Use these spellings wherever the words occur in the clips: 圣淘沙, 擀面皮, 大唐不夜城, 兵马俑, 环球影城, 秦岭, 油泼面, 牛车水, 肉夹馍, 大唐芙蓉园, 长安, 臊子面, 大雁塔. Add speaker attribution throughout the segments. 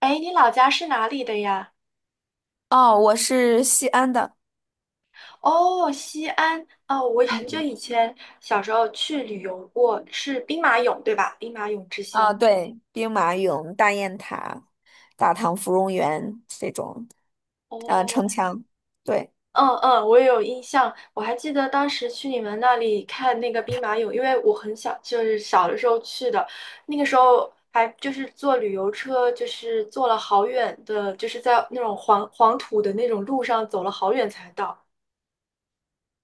Speaker 1: 哎，你老家是哪里的呀？
Speaker 2: 哦，我是西安的。
Speaker 1: 哦，西安。哦，我
Speaker 2: 嗯，
Speaker 1: 很久
Speaker 2: 嗯
Speaker 1: 以前小时候去旅游过，是兵马俑，对吧？兵马俑之
Speaker 2: 啊，
Speaker 1: 乡。
Speaker 2: 对，兵马俑、大雁塔、大唐芙蓉园这种，
Speaker 1: 哦，
Speaker 2: 城墙，对。
Speaker 1: 嗯嗯，我也有印象。我还记得当时去你们那里看那个兵马俑，因为我很小，就是小的时候去的，那个时候还就是坐旅游车，就是坐了好远的，就是在那种黄黄土的那种路上走了好远才到。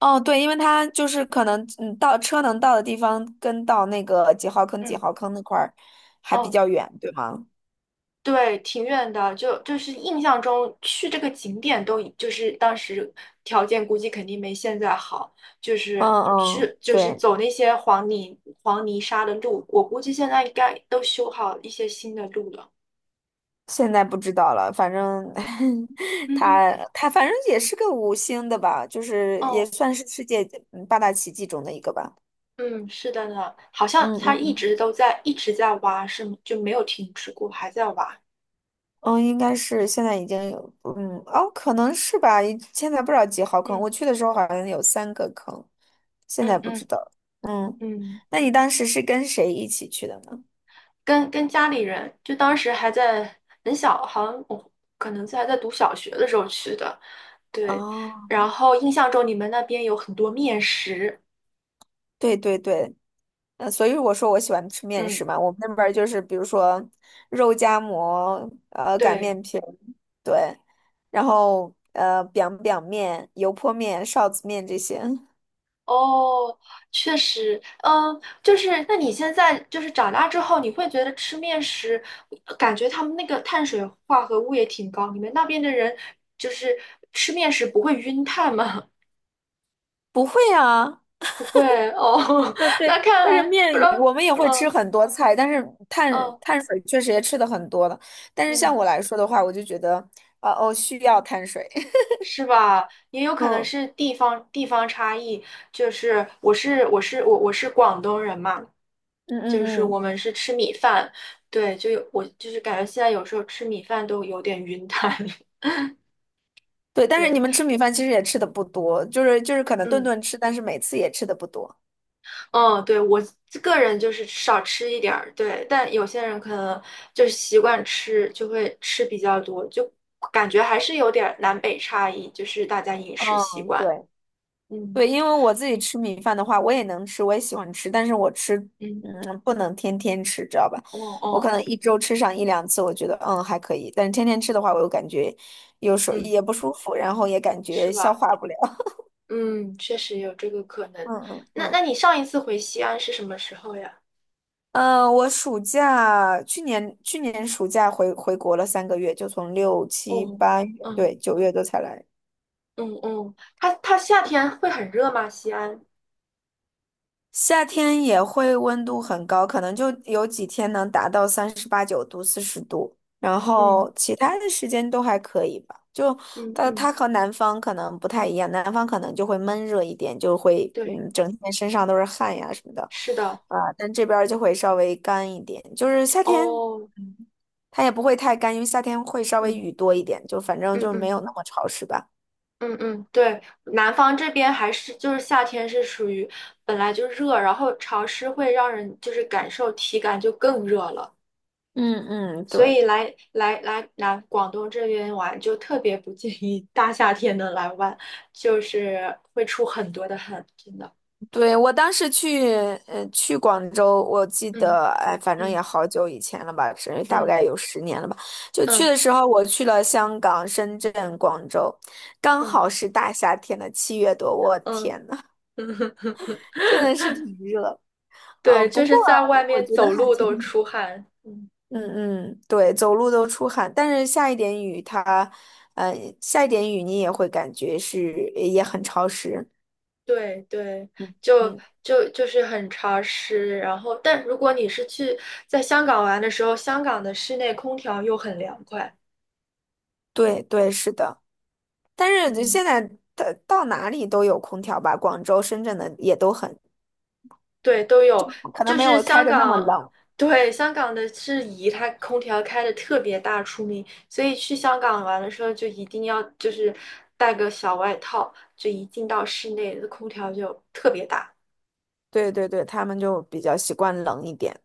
Speaker 2: 哦，对，因为它就是可能，嗯，到车能到的地方跟到那个几号坑、几
Speaker 1: 嗯，
Speaker 2: 号坑那块儿还比
Speaker 1: 哦。
Speaker 2: 较远，对吗？
Speaker 1: 对，挺远的，就是印象中去这个景点都已就是当时条件估计肯定没现在好，就是
Speaker 2: 嗯嗯，
Speaker 1: 去就是
Speaker 2: 对，
Speaker 1: 走那些黄泥黄泥沙的路，我估计现在应该都修好一些新的路了。
Speaker 2: 现在不知道了，反正
Speaker 1: 嗯哼，
Speaker 2: 它反正也是个五星的吧，就是也
Speaker 1: 哦，
Speaker 2: 算是世界嗯八大奇迹中的一个吧。
Speaker 1: 嗯，是的呢，好
Speaker 2: 嗯
Speaker 1: 像他
Speaker 2: 嗯
Speaker 1: 一
Speaker 2: 嗯
Speaker 1: 直都在一直在挖，是吗？就没有停止过，还在挖。
Speaker 2: 嗯，应该是现在已经有，嗯，哦，可能是吧，现在不知道几号坑，
Speaker 1: 嗯
Speaker 2: 我去的时候好像有三个坑，现
Speaker 1: 嗯
Speaker 2: 在不知
Speaker 1: 嗯
Speaker 2: 道。嗯，
Speaker 1: 嗯，
Speaker 2: 那你当时是跟谁一起去的呢？
Speaker 1: 跟家里人，就当时还在很小，好像我可能在还在读小学的时候去的。对，
Speaker 2: 哦，
Speaker 1: 然后印象中你们那边有很多面食，
Speaker 2: 对对对，所以我说我喜欢吃面食
Speaker 1: 嗯。
Speaker 2: 嘛，我们那边儿就是比如说肉夹馍，擀面
Speaker 1: 对，
Speaker 2: 皮儿，对，然后b i 面、油泼面、臊子面这些。
Speaker 1: 哦，确实，嗯，就是那你现在就是长大之后，你会觉得吃面食，感觉他们那个碳水化合物也挺高，你们那边的人就是吃面食不会晕碳吗？
Speaker 2: 不会啊。
Speaker 1: 不会，哦，
Speaker 2: 嗯，对，
Speaker 1: 那看
Speaker 2: 但是
Speaker 1: 来不
Speaker 2: 面
Speaker 1: 知
Speaker 2: 也
Speaker 1: 道，
Speaker 2: 我们也会吃
Speaker 1: 嗯
Speaker 2: 很多菜，但是碳
Speaker 1: 嗯
Speaker 2: 碳水确实也吃的很多了。但是像
Speaker 1: 嗯，
Speaker 2: 我来说的话，我就觉得，需要碳水。
Speaker 1: 是吧？也有可能
Speaker 2: 嗯
Speaker 1: 是地方差异，就是我是广东人嘛。
Speaker 2: 嗯
Speaker 1: 就是
Speaker 2: 嗯
Speaker 1: 我
Speaker 2: 嗯，
Speaker 1: 们是吃米饭，对，就有我就是感觉现在有时候吃米饭都有点晕淡，
Speaker 2: 对。但是你
Speaker 1: 对，
Speaker 2: 们吃米饭其实也吃的不多，就是可能顿
Speaker 1: 嗯
Speaker 2: 顿吃，但是每次也吃的不多。
Speaker 1: 嗯，对我个人就是少吃一点儿，对，但有些人可能就习惯吃，就会吃比较多，就感觉还是有点儿南北差异，就是大家饮食习
Speaker 2: 嗯，对。
Speaker 1: 惯，嗯
Speaker 2: 对，因为我自己吃米饭的话，我也能吃，我也喜欢吃，但是我吃，
Speaker 1: 嗯，
Speaker 2: 嗯，不能天天吃，知道吧？
Speaker 1: 哦
Speaker 2: 我可
Speaker 1: 哦，
Speaker 2: 能一周吃上一两次，我觉得嗯还可以，但是天天吃的话，我又感觉有时候
Speaker 1: 嗯，
Speaker 2: 也不舒服，然后也感
Speaker 1: 是
Speaker 2: 觉消
Speaker 1: 吧？
Speaker 2: 化不了。
Speaker 1: 嗯，确实有这个可 能。
Speaker 2: 嗯嗯
Speaker 1: 那
Speaker 2: 嗯。
Speaker 1: 那你上一次回西安是什么时候呀？
Speaker 2: 嗯，我暑假去年暑假回国了三个月，就从六七
Speaker 1: 哦，
Speaker 2: 八月，
Speaker 1: 嗯。
Speaker 2: 对，九月多才来。
Speaker 1: 嗯嗯，它夏天会很热吗？西安？
Speaker 2: 夏天也会温度很高，可能就有几天能达到三十八九度、四十度，然
Speaker 1: 嗯，
Speaker 2: 后其他的时间都还可以吧。就
Speaker 1: 嗯
Speaker 2: 它
Speaker 1: 嗯，
Speaker 2: 它和南方可能不太一样，南方可能就会闷热一点，就会
Speaker 1: 对，
Speaker 2: 嗯整天身上都是汗呀什么的。
Speaker 1: 是的，
Speaker 2: 啊，但这边儿就会稍微干一点。就是夏天，
Speaker 1: 哦，
Speaker 2: 嗯，它也不会太干，因为夏天会稍微
Speaker 1: 嗯
Speaker 2: 雨多一点，就反正
Speaker 1: 嗯
Speaker 2: 就没
Speaker 1: 嗯
Speaker 2: 有那么潮湿吧。
Speaker 1: 嗯嗯，对，南方这边还是就是夏天是属于本来就热，然后潮湿会让人就是感受体感就更热了，
Speaker 2: 嗯嗯，
Speaker 1: 所以
Speaker 2: 对。
Speaker 1: 来南广东这边玩就特别不建议大夏天的来玩，就是会出很多的汗，真的，
Speaker 2: 对，我当时去，去广州，我记
Speaker 1: 嗯
Speaker 2: 得，哎，反正也
Speaker 1: 嗯
Speaker 2: 好久以前了吧，是大
Speaker 1: 嗯
Speaker 2: 概有十年了吧。就去
Speaker 1: 嗯
Speaker 2: 的时候，我去了香港、深圳、广州，刚
Speaker 1: 嗯
Speaker 2: 好是大夏天的七月多，我
Speaker 1: 嗯
Speaker 2: 天呐，
Speaker 1: 嗯。
Speaker 2: 真
Speaker 1: 嗯
Speaker 2: 的 是挺热。嗯、
Speaker 1: 对，
Speaker 2: 不
Speaker 1: 就
Speaker 2: 过
Speaker 1: 是在外
Speaker 2: 我
Speaker 1: 面
Speaker 2: 觉得
Speaker 1: 走
Speaker 2: 还
Speaker 1: 路
Speaker 2: 挺，
Speaker 1: 都出汗。嗯，
Speaker 2: 嗯嗯，对，走路都出汗，但是下一点雨它，呃，下一点雨你也会感觉是也很潮湿。
Speaker 1: 对对，
Speaker 2: 嗯
Speaker 1: 就
Speaker 2: 嗯，
Speaker 1: 就是很潮湿。然后，但如果你是去在香港玩的时候，香港的室内空调又很凉快。
Speaker 2: 对对，是的。但是就
Speaker 1: 嗯，
Speaker 2: 现在到哪里都有空调吧，广州、深圳的也都很，
Speaker 1: 对，都有。
Speaker 2: 可能
Speaker 1: 就
Speaker 2: 没
Speaker 1: 是
Speaker 2: 有开
Speaker 1: 香
Speaker 2: 的那么
Speaker 1: 港，
Speaker 2: 冷。
Speaker 1: 对，香港的是宜，它空调开的特别大出名，所以去香港玩的时候就一定要就是带个小外套，就一进到室内，空调就特别大。
Speaker 2: 对对对，他们就比较习惯冷一点。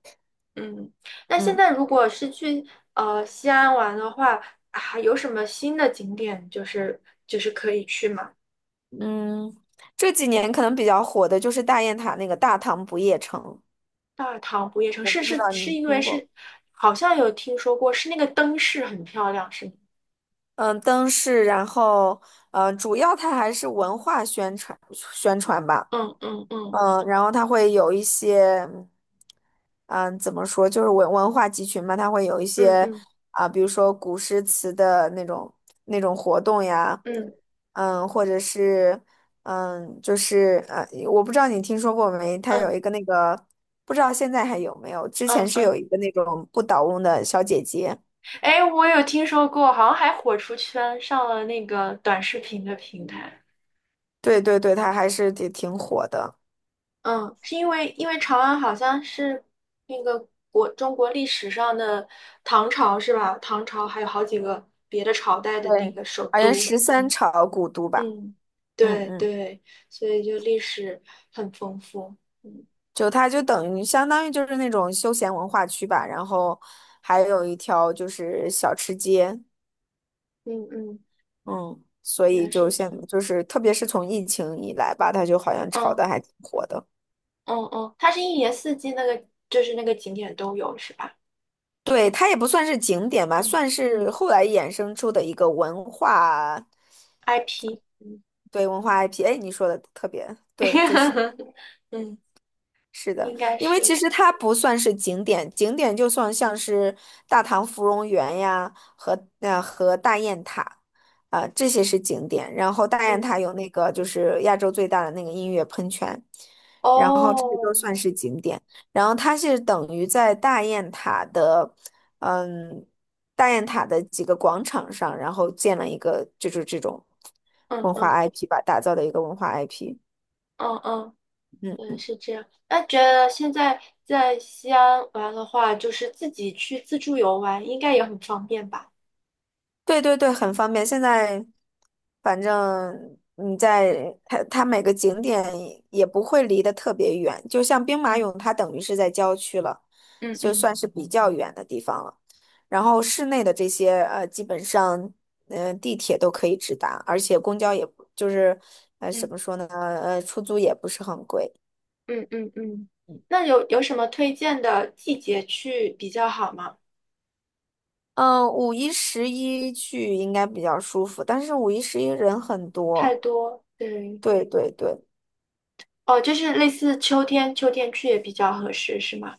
Speaker 1: 嗯，那现
Speaker 2: 嗯
Speaker 1: 在如果是去西安玩的话，还有什么新的景点就是可以去吗？
Speaker 2: 嗯，这几年可能比较火的就是大雁塔那个大唐不夜城，
Speaker 1: 大唐不夜城
Speaker 2: 我
Speaker 1: 是
Speaker 2: 不知
Speaker 1: 是
Speaker 2: 道
Speaker 1: 是
Speaker 2: 你
Speaker 1: 因为
Speaker 2: 听过吗？
Speaker 1: 是好像有听说过，是那个灯饰很漂亮，是吗？
Speaker 2: 嗯，灯饰，然后主要它还是文化宣传吧。
Speaker 1: 嗯嗯嗯
Speaker 2: 嗯，然后它会有一些，嗯，怎么说，就是文化集群嘛，它会有一
Speaker 1: 嗯
Speaker 2: 些
Speaker 1: 嗯
Speaker 2: 啊，比如说古诗词的那种那种活动呀。
Speaker 1: 嗯
Speaker 2: 嗯，或者是嗯，我不知道你听说过没，它有一
Speaker 1: 嗯
Speaker 2: 个那个，不知道现在还有没有，之前
Speaker 1: 嗯
Speaker 2: 是
Speaker 1: 嗯，
Speaker 2: 有一个那种不倒翁的小姐姐。
Speaker 1: 哎，我有听说过，好像还火出圈，上了那个短视频的平台。
Speaker 2: 对对对，它还是挺火的。
Speaker 1: 嗯，是因为长安好像是那个国中国历史上的唐朝是吧？唐朝还有好几个别的朝代的那
Speaker 2: 对，
Speaker 1: 个首
Speaker 2: 好像
Speaker 1: 都。
Speaker 2: 十三
Speaker 1: 嗯
Speaker 2: 朝古都吧。
Speaker 1: 嗯，
Speaker 2: 嗯
Speaker 1: 对
Speaker 2: 嗯。
Speaker 1: 对，所以就历史很丰富。嗯
Speaker 2: 就它就等于相当于就是那种休闲文化区吧，然后还有一条就是小吃街。
Speaker 1: 嗯嗯，
Speaker 2: 嗯，所以
Speaker 1: 也是
Speaker 2: 就
Speaker 1: 这
Speaker 2: 现
Speaker 1: 样。
Speaker 2: 就是特别是从疫情以来吧，它就好像炒
Speaker 1: 嗯
Speaker 2: 的还挺火的。
Speaker 1: 嗯嗯，它是一年四季那个就是那个景点都有是吧？
Speaker 2: 对，它也不算是景点吧，
Speaker 1: 嗯
Speaker 2: 算是
Speaker 1: 嗯
Speaker 2: 后来衍生出的一个文化。
Speaker 1: ，IP。嗯
Speaker 2: 对，文化 IP。哎，你说的特别对，就是。
Speaker 1: 嗯，
Speaker 2: 是的，
Speaker 1: 应该
Speaker 2: 因为其
Speaker 1: 是。
Speaker 2: 实它不算是景点，景点就算像是大唐芙蓉园呀和大雁塔，啊、这些是景点。然后大雁
Speaker 1: 嗯
Speaker 2: 塔有那个就是亚洲最大的那个音乐喷泉，然后这些都
Speaker 1: 哦，
Speaker 2: 算是景点。然后它是等于在大雁塔的，嗯，大雁塔的几个广场上，然后建了一个就是这种
Speaker 1: 嗯
Speaker 2: 文化
Speaker 1: 嗯
Speaker 2: IP 吧，打造的一个文化 IP。
Speaker 1: 嗯嗯嗯，
Speaker 2: 嗯。
Speaker 1: 是这样。那觉得现在在西安玩的话，就是自己去自助游玩，应该也很方便吧？
Speaker 2: 对对对，很方便。现在反正你在它每个景点也不会离得特别远，就像兵马
Speaker 1: 嗯
Speaker 2: 俑，它等于是在郊区了，
Speaker 1: 嗯
Speaker 2: 就
Speaker 1: 嗯
Speaker 2: 算是比较远的地方了。然后市内的这些基本上嗯、地铁都可以直达，而且公交也不就是呃怎
Speaker 1: 嗯，
Speaker 2: 么说呢呃出租也不是很贵。
Speaker 1: 嗯嗯嗯。那有什么推荐的季节去比较好吗？
Speaker 2: 嗯、五一十一去应该比较舒服，但是五一十一人很
Speaker 1: 太
Speaker 2: 多。
Speaker 1: 多，对，
Speaker 2: 对对对。
Speaker 1: 哦，就是类似秋天，秋天去也比较合适，是吗？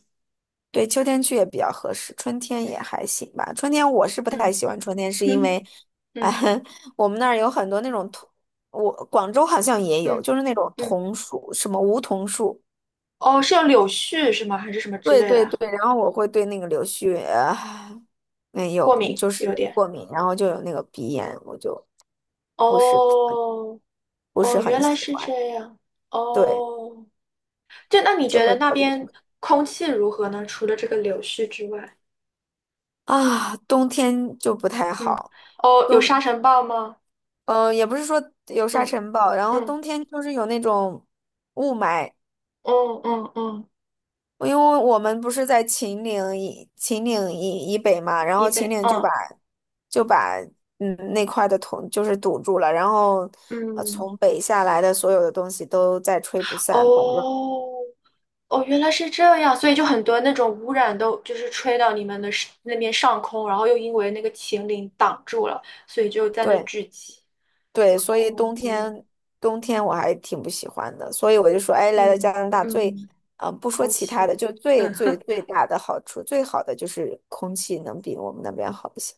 Speaker 2: 对，秋天去也比较合适，春天也还行吧。春天我是不太
Speaker 1: 嗯
Speaker 2: 喜欢春天，是因
Speaker 1: 哼
Speaker 2: 为，哎，
Speaker 1: 嗯，
Speaker 2: 我们那儿有很多那种桐，我广州好像也有，
Speaker 1: 嗯
Speaker 2: 就是那种
Speaker 1: 嗯，
Speaker 2: 桐树，什么梧桐树。
Speaker 1: 哦，是有柳絮是吗？还是什么之
Speaker 2: 对
Speaker 1: 类的
Speaker 2: 对
Speaker 1: 啊
Speaker 2: 对，然后我会对那个柳絮，呃没有，
Speaker 1: 过敏
Speaker 2: 就
Speaker 1: 有
Speaker 2: 是
Speaker 1: 点。
Speaker 2: 过敏，然后就有那个鼻炎，我就不是
Speaker 1: 哦
Speaker 2: 不是
Speaker 1: 哦，原
Speaker 2: 很
Speaker 1: 来
Speaker 2: 喜
Speaker 1: 是
Speaker 2: 欢。
Speaker 1: 这样。
Speaker 2: 对，
Speaker 1: 哦就那你
Speaker 2: 就
Speaker 1: 觉
Speaker 2: 会
Speaker 1: 得那
Speaker 2: 特别
Speaker 1: 边空气如何呢？除了这个柳絮之外，
Speaker 2: 啊，冬天就不太
Speaker 1: 嗯，
Speaker 2: 好。
Speaker 1: 哦，有沙
Speaker 2: 冬。
Speaker 1: 尘暴吗？
Speaker 2: 嗯、呃也不是说有沙
Speaker 1: 嗯
Speaker 2: 尘暴，然后
Speaker 1: 嗯
Speaker 2: 冬天就是有那种雾霾，
Speaker 1: 嗯嗯嗯，
Speaker 2: 因为我们不是在秦岭以北嘛，然
Speaker 1: 以
Speaker 2: 后秦
Speaker 1: 北，
Speaker 2: 岭就把
Speaker 1: 嗯
Speaker 2: 就把嗯那块的土就是堵住了，然后
Speaker 1: 嗯，
Speaker 2: 从北下来的所有的东西都在吹不散，反正
Speaker 1: 哦哦，原来是这样，所以就很多那种污染都就是吹到你们的是那边上空，然后又因为那个秦岭挡住了，所以就在那
Speaker 2: 对。
Speaker 1: 聚集。
Speaker 2: 对，所以
Speaker 1: 哦，
Speaker 2: 冬
Speaker 1: 嗯
Speaker 2: 天冬天我还挺不喜欢的，所以我就说，哎，来到加
Speaker 1: 嗯
Speaker 2: 拿大最，
Speaker 1: 嗯，
Speaker 2: 嗯、不说
Speaker 1: 空
Speaker 2: 其他
Speaker 1: 气，
Speaker 2: 的，就最最
Speaker 1: 嗯。
Speaker 2: 最大的好处，最好的就是空气能比我们那边好一些。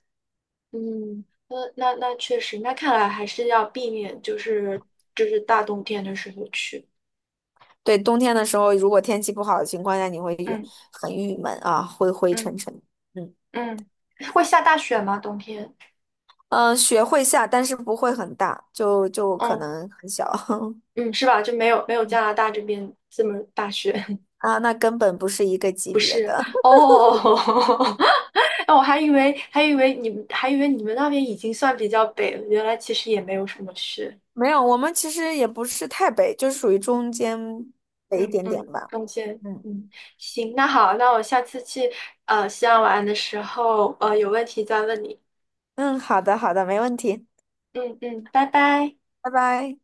Speaker 1: 嗯，那确实，那看来还是要避免，就是大冬天的时候去。
Speaker 2: 对，冬天的时候，如果天气不好的情况下，你会
Speaker 1: 嗯
Speaker 2: 很郁闷啊，灰灰
Speaker 1: 嗯
Speaker 2: 沉沉。嗯
Speaker 1: 嗯，会下大雪吗？冬天？
Speaker 2: 嗯、雪会下，但是不会很大，就可
Speaker 1: 嗯
Speaker 2: 能很小。
Speaker 1: 嗯，是吧？就没有加拿大这边这么大雪。
Speaker 2: 啊，那根本不是一个级别的。
Speaker 1: 哦，那我还以为你们那边已经算比较北了，原来其实也没有什么雪。
Speaker 2: 没有，我们其实也不是太北，就属于中间北一
Speaker 1: 嗯
Speaker 2: 点点
Speaker 1: 嗯，
Speaker 2: 吧。
Speaker 1: 冬天。
Speaker 2: 嗯。
Speaker 1: 嗯，行，那好，那我下次去西安玩的时候，有问题再问你。
Speaker 2: 嗯，好的，好的，没问题，
Speaker 1: 嗯嗯，拜拜。
Speaker 2: 拜拜。